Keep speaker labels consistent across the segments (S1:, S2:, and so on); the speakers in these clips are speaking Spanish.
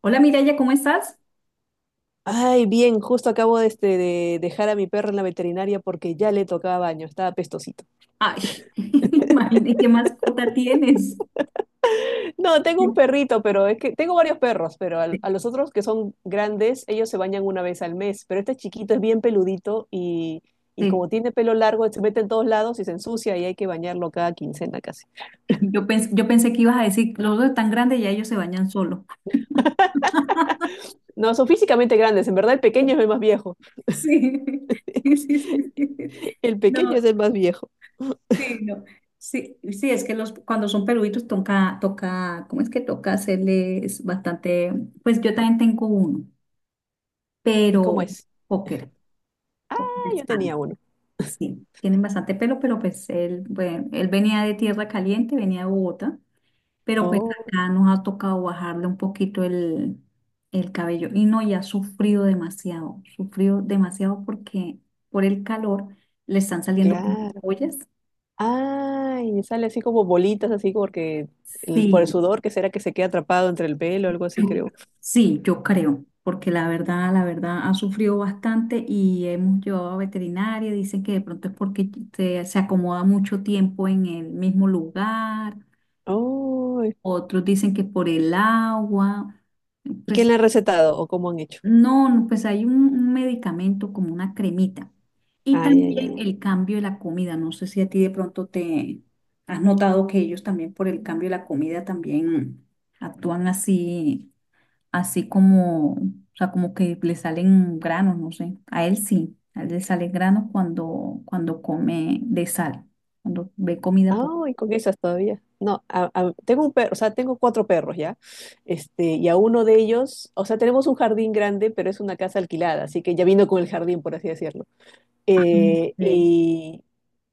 S1: Hola Miraya, ¿cómo estás?
S2: Ay, bien, justo acabo de dejar a mi perro en la veterinaria porque ya le tocaba baño, estaba pestosito.
S1: Ay, imaginé qué mascota tienes.
S2: No,
S1: Sí,
S2: tengo un perrito, pero es que tengo varios perros, pero los otros que son grandes, ellos se bañan una vez al mes, pero este chiquito es bien peludito y como
S1: sí.
S2: tiene pelo largo, se mete en todos lados y se ensucia y hay que bañarlo cada quincena casi.
S1: Yo pensé que ibas a decir, los dos tan grandes ya ellos se bañan solos.
S2: No, son físicamente grandes, en verdad el pequeño es el más viejo.
S1: Sí, sí, sí, sí, sí.
S2: El pequeño
S1: No,
S2: es el más viejo.
S1: sí, no. Sí, sí, cuando son peluditos toca, ¿cómo es que toca hacerles bastante? Pues yo también tengo uno,
S2: ¿Y cómo
S1: pero
S2: es?
S1: póker,
S2: Ah,
S1: póker
S2: yo
S1: Spaniel.
S2: tenía uno.
S1: Sí, tienen bastante pelo, pero pues él, bueno, él venía de tierra caliente, venía de Bogotá. Pero pues
S2: Oh,
S1: acá nos ha tocado bajarle un poquito el, cabello. Y no, ya ha sufrido demasiado, sufrió demasiado porque por el calor le están saliendo como
S2: claro.
S1: ollas.
S2: Ay, sale así como bolitas, así como porque por el
S1: Sí,
S2: sudor, que será que se queda atrapado entre el pelo o algo así, creo.
S1: sí, yo creo, porque la verdad ha sufrido bastante y hemos llevado a veterinaria, dicen que de pronto es porque se acomoda mucho tiempo en el mismo lugar,
S2: Oh, ¿y
S1: otros dicen que por el agua,
S2: quién
S1: pues.
S2: le ha recetado o cómo han hecho?
S1: No, no, pues hay un medicamento como una cremita. Y
S2: Ay, ay, ay,
S1: también
S2: ay.
S1: el cambio de la comida. No sé si a ti de pronto te has notado que ellos también por el cambio de la comida también actúan así, así como, o sea, como que le salen granos, no sé. A él sí, a él le salen granos cuando come de sal, cuando ve comida por.
S2: Ay, con esas todavía. No, tengo un perro, o sea, tengo cuatro perros ya. Y a uno de ellos, o sea, tenemos un jardín grande, pero es una casa alquilada, así que ya vino con el jardín, por así decirlo.
S1: Ajá.
S2: Eh,
S1: Sí,
S2: y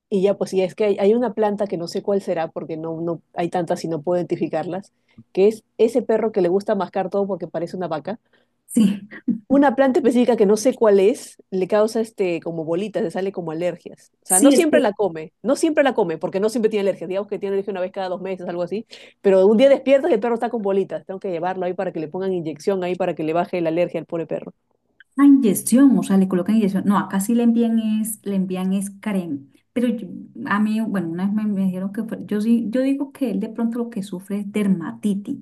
S2: Y ya, pues, y es que hay una planta que no sé cuál será, porque no hay tantas y no puedo identificarlas, que es ese perro que le gusta mascar todo porque parece una vaca.
S1: sí,
S2: Una planta específica que no sé cuál es, le causa este como bolitas, le sale como alergias. O sea, no
S1: sí, es
S2: siempre
S1: que.
S2: la come, no siempre la come, porque no siempre tiene alergias. Digamos que tiene alergia una vez cada 2 meses, algo así. Pero un día despiertas y el perro está con bolitas. Tengo que llevarlo ahí para que le pongan inyección ahí para que le baje la alergia al pobre perro.
S1: Ah, inyección, o sea, le colocan inyección. No, acá sí le envían es crema. Pero yo- a mí, bueno, una vez me dijeron yo sí, yo digo que él de pronto lo que sufre es dermatitis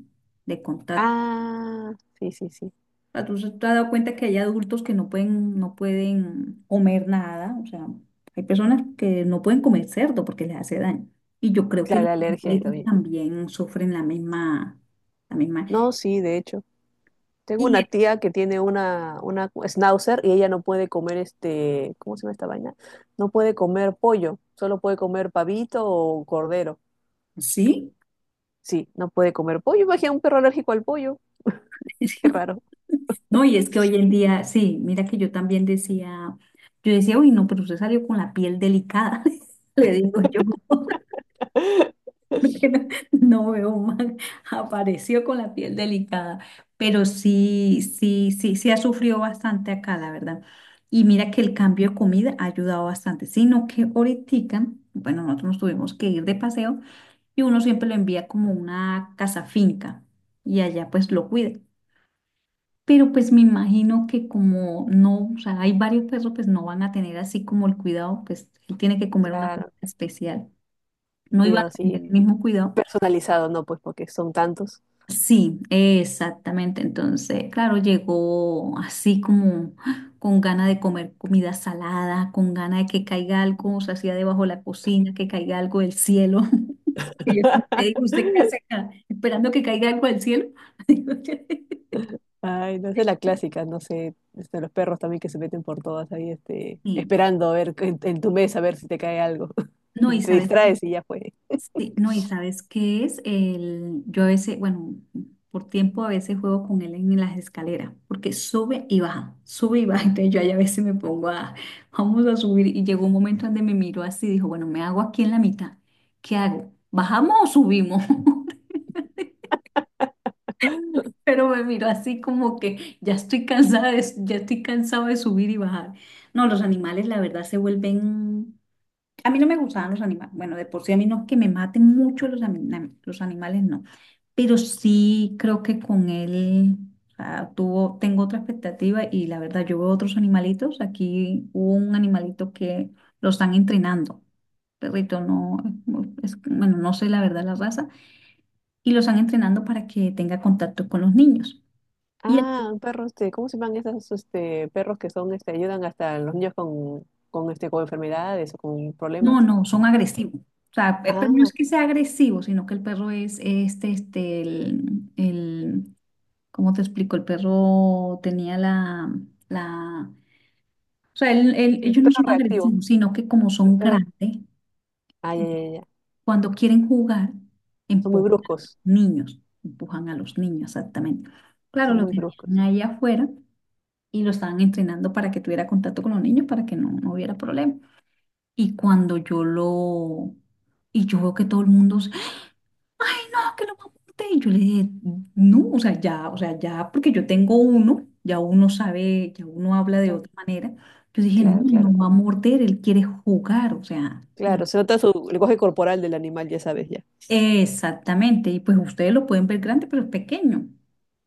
S1: de contacto.
S2: Ah, sí, sí, sí.
S1: Ah, ¿te has dado cuenta que hay adultos que no pueden, no pueden comer nada? O sea, hay personas que no pueden comer cerdo porque les hace daño. Y yo creo que
S2: Claro,
S1: los
S2: la alergia ahí
S1: animalitos
S2: también.
S1: también sufren la misma, la misma.
S2: No, sí, de hecho. Tengo una
S1: Y
S2: tía que tiene una schnauzer y ella no puede comer este, ¿cómo se llama esta vaina? No puede comer pollo, solo puede comer pavito o cordero.
S1: sí.
S2: Sí, no puede comer pollo. Imagina un perro alérgico al pollo. Qué raro.
S1: No, y es que hoy en día, sí, mira que yo decía, uy, no, pero usted salió con la piel delicada, le digo yo, porque no, no veo mal, apareció con la piel delicada, pero sí, sí, sí, sí ha sufrido bastante acá, la verdad. Y mira que el cambio de comida ha ayudado bastante, sino que ahorita, bueno, nosotros nos tuvimos que ir de paseo y uno siempre lo envía como una casa finca y allá pues lo cuida. Pero pues me imagino que como no, o sea, hay varios perros, pues no van a tener así como el cuidado, pues él tiene que comer una comida
S2: Claro,
S1: especial.
S2: un
S1: No iban
S2: cuidado
S1: a tener el
S2: así
S1: mismo cuidado.
S2: personalizado, no, pues porque son tantos.
S1: Sí, exactamente. Entonces, claro, llegó así como ¡ah!, con ganas de comer comida salada, con ganas de que caiga algo, o sea, hacía debajo de la cocina, que caiga algo del cielo. Que yo siempre le digo, ¿usted qué hace acá? Esperando que caiga algo del cielo. Digo yo.
S2: Ay, no sé la clásica, no sé, los perros también que se meten por todas ahí,
S1: Sí.
S2: esperando a ver en tu mesa a ver si te cae algo.
S1: No, y
S2: Te
S1: sabes.
S2: distraes y ya fue.
S1: Sí, no, y sabes qué es el, yo a veces, bueno, por tiempo a veces juego con él en las escaleras, porque sube y baja, entonces yo ahí a veces me pongo a, vamos a subir, y llegó un momento donde me miró así, dijo, bueno, me hago aquí en la mitad, ¿qué hago? ¿Bajamos o subimos? Pero me miró así como que ya estoy cansada de, ya estoy cansado de subir y bajar. No, los animales la verdad se vuelven, a mí no me gustaban los animales, bueno, de por sí a mí no es que me maten mucho los animales, no, pero sí creo que con él tengo otra expectativa y la verdad yo veo otros animalitos. Aquí hubo un animalito que lo están entrenando. Perrito, no, es, bueno, no sé la verdad la raza. Y lo están entrenando para que tenga contacto con los niños. Y el-
S2: Ah, perros, ¿cómo se llaman esos perros que son, ayudan hasta a los niños con enfermedades o con problemas?
S1: no, no, son agresivos. O sea, pero no
S2: Ah,
S1: es que sea agresivo, sino que el perro es ¿cómo te explico? El perro tenía la. O sea,
S2: es un
S1: ellos no
S2: perro
S1: son
S2: reactivo.
S1: agresivos, sino que como son
S2: Pero,
S1: grandes,
S2: ah, ya, ya, ya, ya.
S1: cuando quieren jugar,
S2: Son muy
S1: empujan
S2: bruscos.
S1: niños, empujan a los niños, exactamente. Claro,
S2: Son
S1: lo
S2: muy
S1: tenían
S2: bruscos.
S1: ahí afuera y lo estaban entrenando para que tuviera contacto con los niños, para que no hubiera problema. Y cuando yo lo, y yo veo que todo el mundo, "Ah, que lo apunté". Y yo le dije, no, o sea, ya, porque yo tengo uno, ya uno sabe, ya uno habla de
S2: Claro,
S1: otra manera. Yo dije, no,
S2: claro,
S1: él
S2: claro.
S1: no va a morder, él quiere jugar, o sea.
S2: Claro, se nota su lenguaje corporal del animal, ya sabes, ya.
S1: Exactamente. Y pues ustedes lo pueden ver grande, pero es pequeño,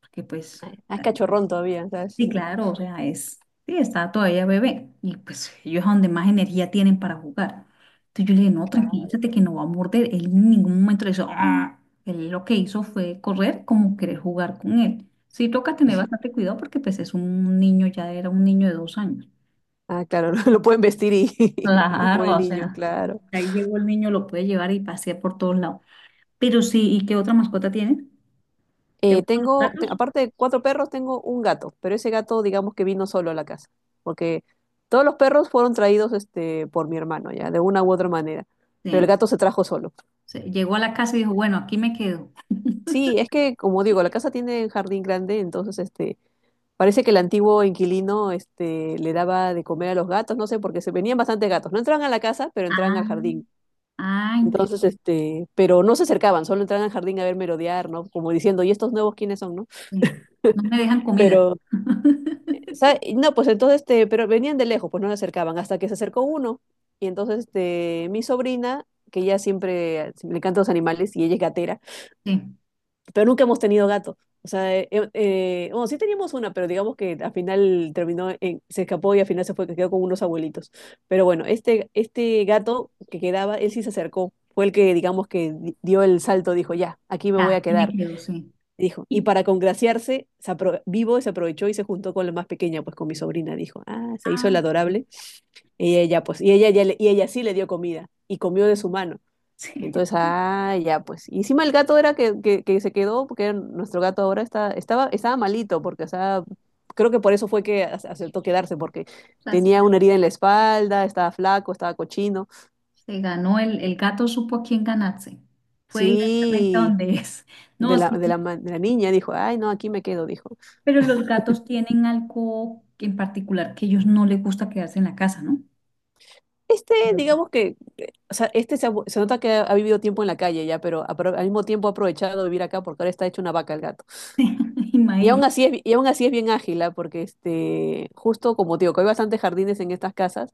S1: porque pues,
S2: Ay,
S1: o
S2: ah, es
S1: sea.
S2: cachorrón todavía, ¿sabes?
S1: Sí,
S2: Mm.
S1: claro, o sea, es, sí, está todavía bebé y pues ellos es donde más energía tienen para jugar. Entonces yo le dije, no,
S2: Claro.
S1: tranquilízate que no va a morder. Él en ningún momento le hizo, "ah". Él lo que hizo fue correr como querer jugar con él. Sí, toca tener bastante cuidado porque pues es un niño, ya era un niño de 2 años.
S2: Ah, claro, lo, pueden vestir y, y el pobre
S1: Claro, o
S2: niño,
S1: sea,
S2: claro.
S1: ahí llegó el niño, lo puede llevar y pasear por todos lados. Pero sí, ¿y qué otra mascota tiene? ¿Te
S2: Eh,
S1: gustan los
S2: tengo,
S1: gatos?
S2: aparte de cuatro perros, tengo un gato, pero ese gato, digamos que vino solo a la casa, porque todos los perros fueron traídos por mi hermano, ya, de una u otra manera, pero el
S1: Sí,
S2: gato se trajo solo.
S1: sí, llegó a la casa y dijo, bueno, aquí me quedo.
S2: Sí, es que, como digo, la casa tiene un jardín grande, entonces parece que el antiguo inquilino le daba de comer a los gatos, no sé, porque se venían bastantes gatos. No entraban a la casa, pero entraban al
S1: Ah,
S2: jardín.
S1: ah.
S2: Entonces, pero no se acercaban, solo entraban al jardín a ver merodear, ¿no? Como diciendo, ¿y estos nuevos quiénes son, no?
S1: Sí. No me dejan comida.
S2: Pero no, pues entonces, pero venían de lejos, pues no se acercaban, hasta que se acercó uno. Y entonces, mi sobrina, que ella siempre, le encantan los animales y ella es gatera,
S1: Sí,
S2: pero nunca hemos tenido gato. O sea, bueno, sí teníamos una, pero digamos que al final terminó, se escapó y al final se fue, quedó con unos abuelitos. Pero bueno, este gato que quedaba, él sí se acercó. Fue el que, digamos, que dio el salto, dijo, ya, aquí me
S1: ya,
S2: voy a
S1: aquí me
S2: quedar.
S1: quedo, sí.
S2: Dijo, y
S1: Y-
S2: para congraciarse, vivo se aprovechó y se juntó con la más pequeña, pues con mi sobrina, dijo. Ah, se hizo el
S1: ah,
S2: adorable. Y ella, pues, y ella, y ella sí le dio comida y comió de su mano.
S1: sí.
S2: Entonces, ah, ya, pues. Y encima el gato era que se quedó, porque era nuestro gato ahora está, estaba, estaba malito, porque, o sea, creo que por eso fue que aceptó quedarse, porque
S1: O sea, se,
S2: tenía una herida en la espalda, estaba flaco, estaba cochino.
S1: se ganó el gato, supo a quién ganarse. Fue directamente a
S2: Sí,
S1: donde es.
S2: de
S1: No,
S2: la,
S1: sí,
S2: de
S1: sí,
S2: la, ma- de la niña dijo, ay, no, aquí me quedo, dijo.
S1: pero los gatos tienen algo que en particular que ellos no les gusta quedarse en la casa, ¿no?
S2: Este,
S1: Pues sí.
S2: digamos que, o sea, se nota que ha vivido tiempo en la calle ya, pero al mismo tiempo ha aprovechado de vivir acá porque ahora está hecho una vaca el gato. Y
S1: Imagino.
S2: aún así es, y aún así es bien ágil, ¿ah? Porque este, justo como te digo, que hay bastantes jardines en estas casas,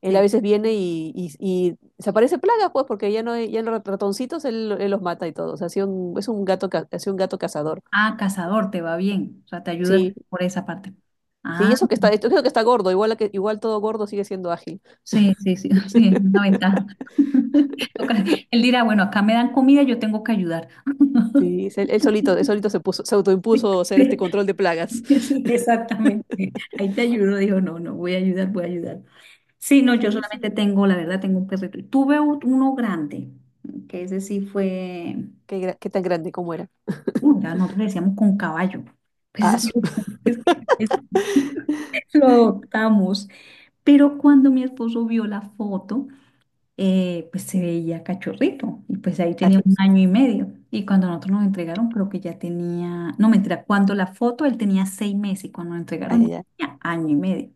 S2: él a
S1: Sí.
S2: veces viene y se aparece plagas, pues, porque ya no hay, ya los ratoncitos él los mata y todo. O sea, ha sido un, es un gato, ha sido un gato cazador.
S1: Ah, cazador, te va bien. O sea, te ayuda
S2: Sí,
S1: por esa parte.
S2: sí,
S1: Ah.
S2: eso que está, esto creo que está gordo, igual, a que, igual todo gordo sigue siendo ágil.
S1: Sí, sí, sí, sí, es una ventaja. Ok. Él dirá, bueno, acá me dan comida, yo tengo que ayudar.
S2: Sí, es él solito, él solito se puso, se
S1: Sí,
S2: autoimpuso ser este control de plagas.
S1: sí, sí, exactamente. Ahí te ayudo, dijo, no, no, voy a ayudar, voy a ayudar. Sí, no, yo
S2: Sí, sí,
S1: solamente
S2: sí.
S1: tengo, la verdad, tengo un perrito. Y tuve uno grande, que ese sí fue,
S2: ¿Qué, qué tan grande como era?
S1: ya nosotros le decíamos con caballo. Pues
S2: Ah,
S1: es
S2: su-
S1: que, lo adoptamos. Pero cuando mi esposo vio la foto, pues se veía cachorrito y pues ahí
S2: ah,
S1: tenía
S2: su-
S1: un año y medio. Y cuando nosotros nos entregaron, creo que ya tenía, no mentira, cuando la foto él tenía 6 meses y cuando nos
S2: ah,
S1: entregaron
S2: ya,
S1: ya
S2: ya.
S1: tenía año y medio.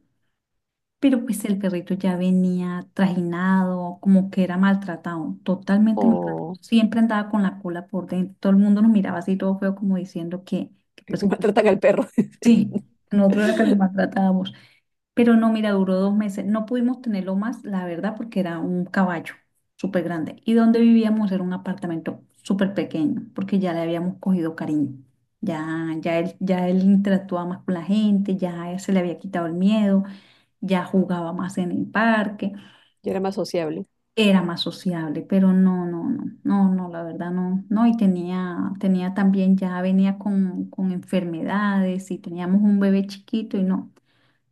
S1: Pero pues el perrito ya venía trajinado, como que era maltratado, totalmente maltratado.
S2: O
S1: Siempre andaba con la cola por dentro. Todo el mundo nos miraba así todo feo como diciendo que pues
S2: maltratan al perro.
S1: sí, nosotros era que lo maltratábamos. Pero no, mira, duró 2 meses. No pudimos tenerlo más, la verdad, porque era un caballo súper grande. Y donde vivíamos era un apartamento súper pequeño, porque ya le habíamos cogido cariño. Ya él interactuaba más con la gente, ya se le había quitado el miedo, ya jugaba más en el parque,
S2: Yo era más sociable.
S1: era más sociable, pero no, no, no, no, no, la verdad no, no, y tenía también, ya venía con enfermedades y teníamos un bebé chiquito y no.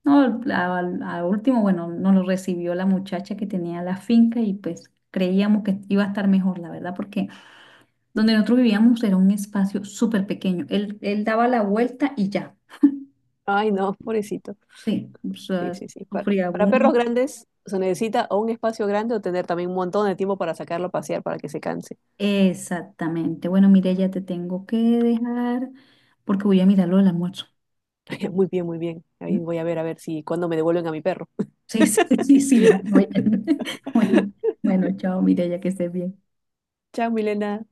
S1: No, a último, bueno, nos lo recibió la muchacha que tenía la finca y pues creíamos que iba a estar mejor, la verdad, porque donde nosotros vivíamos era un espacio súper pequeño. Él daba la vuelta y ya.
S2: Ay, no, pobrecito.
S1: Sí, o sea,
S2: Sí, sí, sí.
S1: sufría
S2: Para
S1: uno.
S2: perros grandes se necesita o un espacio grande o tener también un montón de tiempo para sacarlo a pasear para que se canse.
S1: Exactamente. Bueno, mire, ya te tengo que dejar porque voy a mirarlo del almuerzo. Qué pena.
S2: Muy bien, muy bien. Ahí
S1: ¿No?
S2: voy a ver si cuando me devuelven a mi perro.
S1: Sí, sí, sí, sí, bueno, bueno, bueno, bueno, chao, Mireya, que estés bien.
S2: Chao, Milena.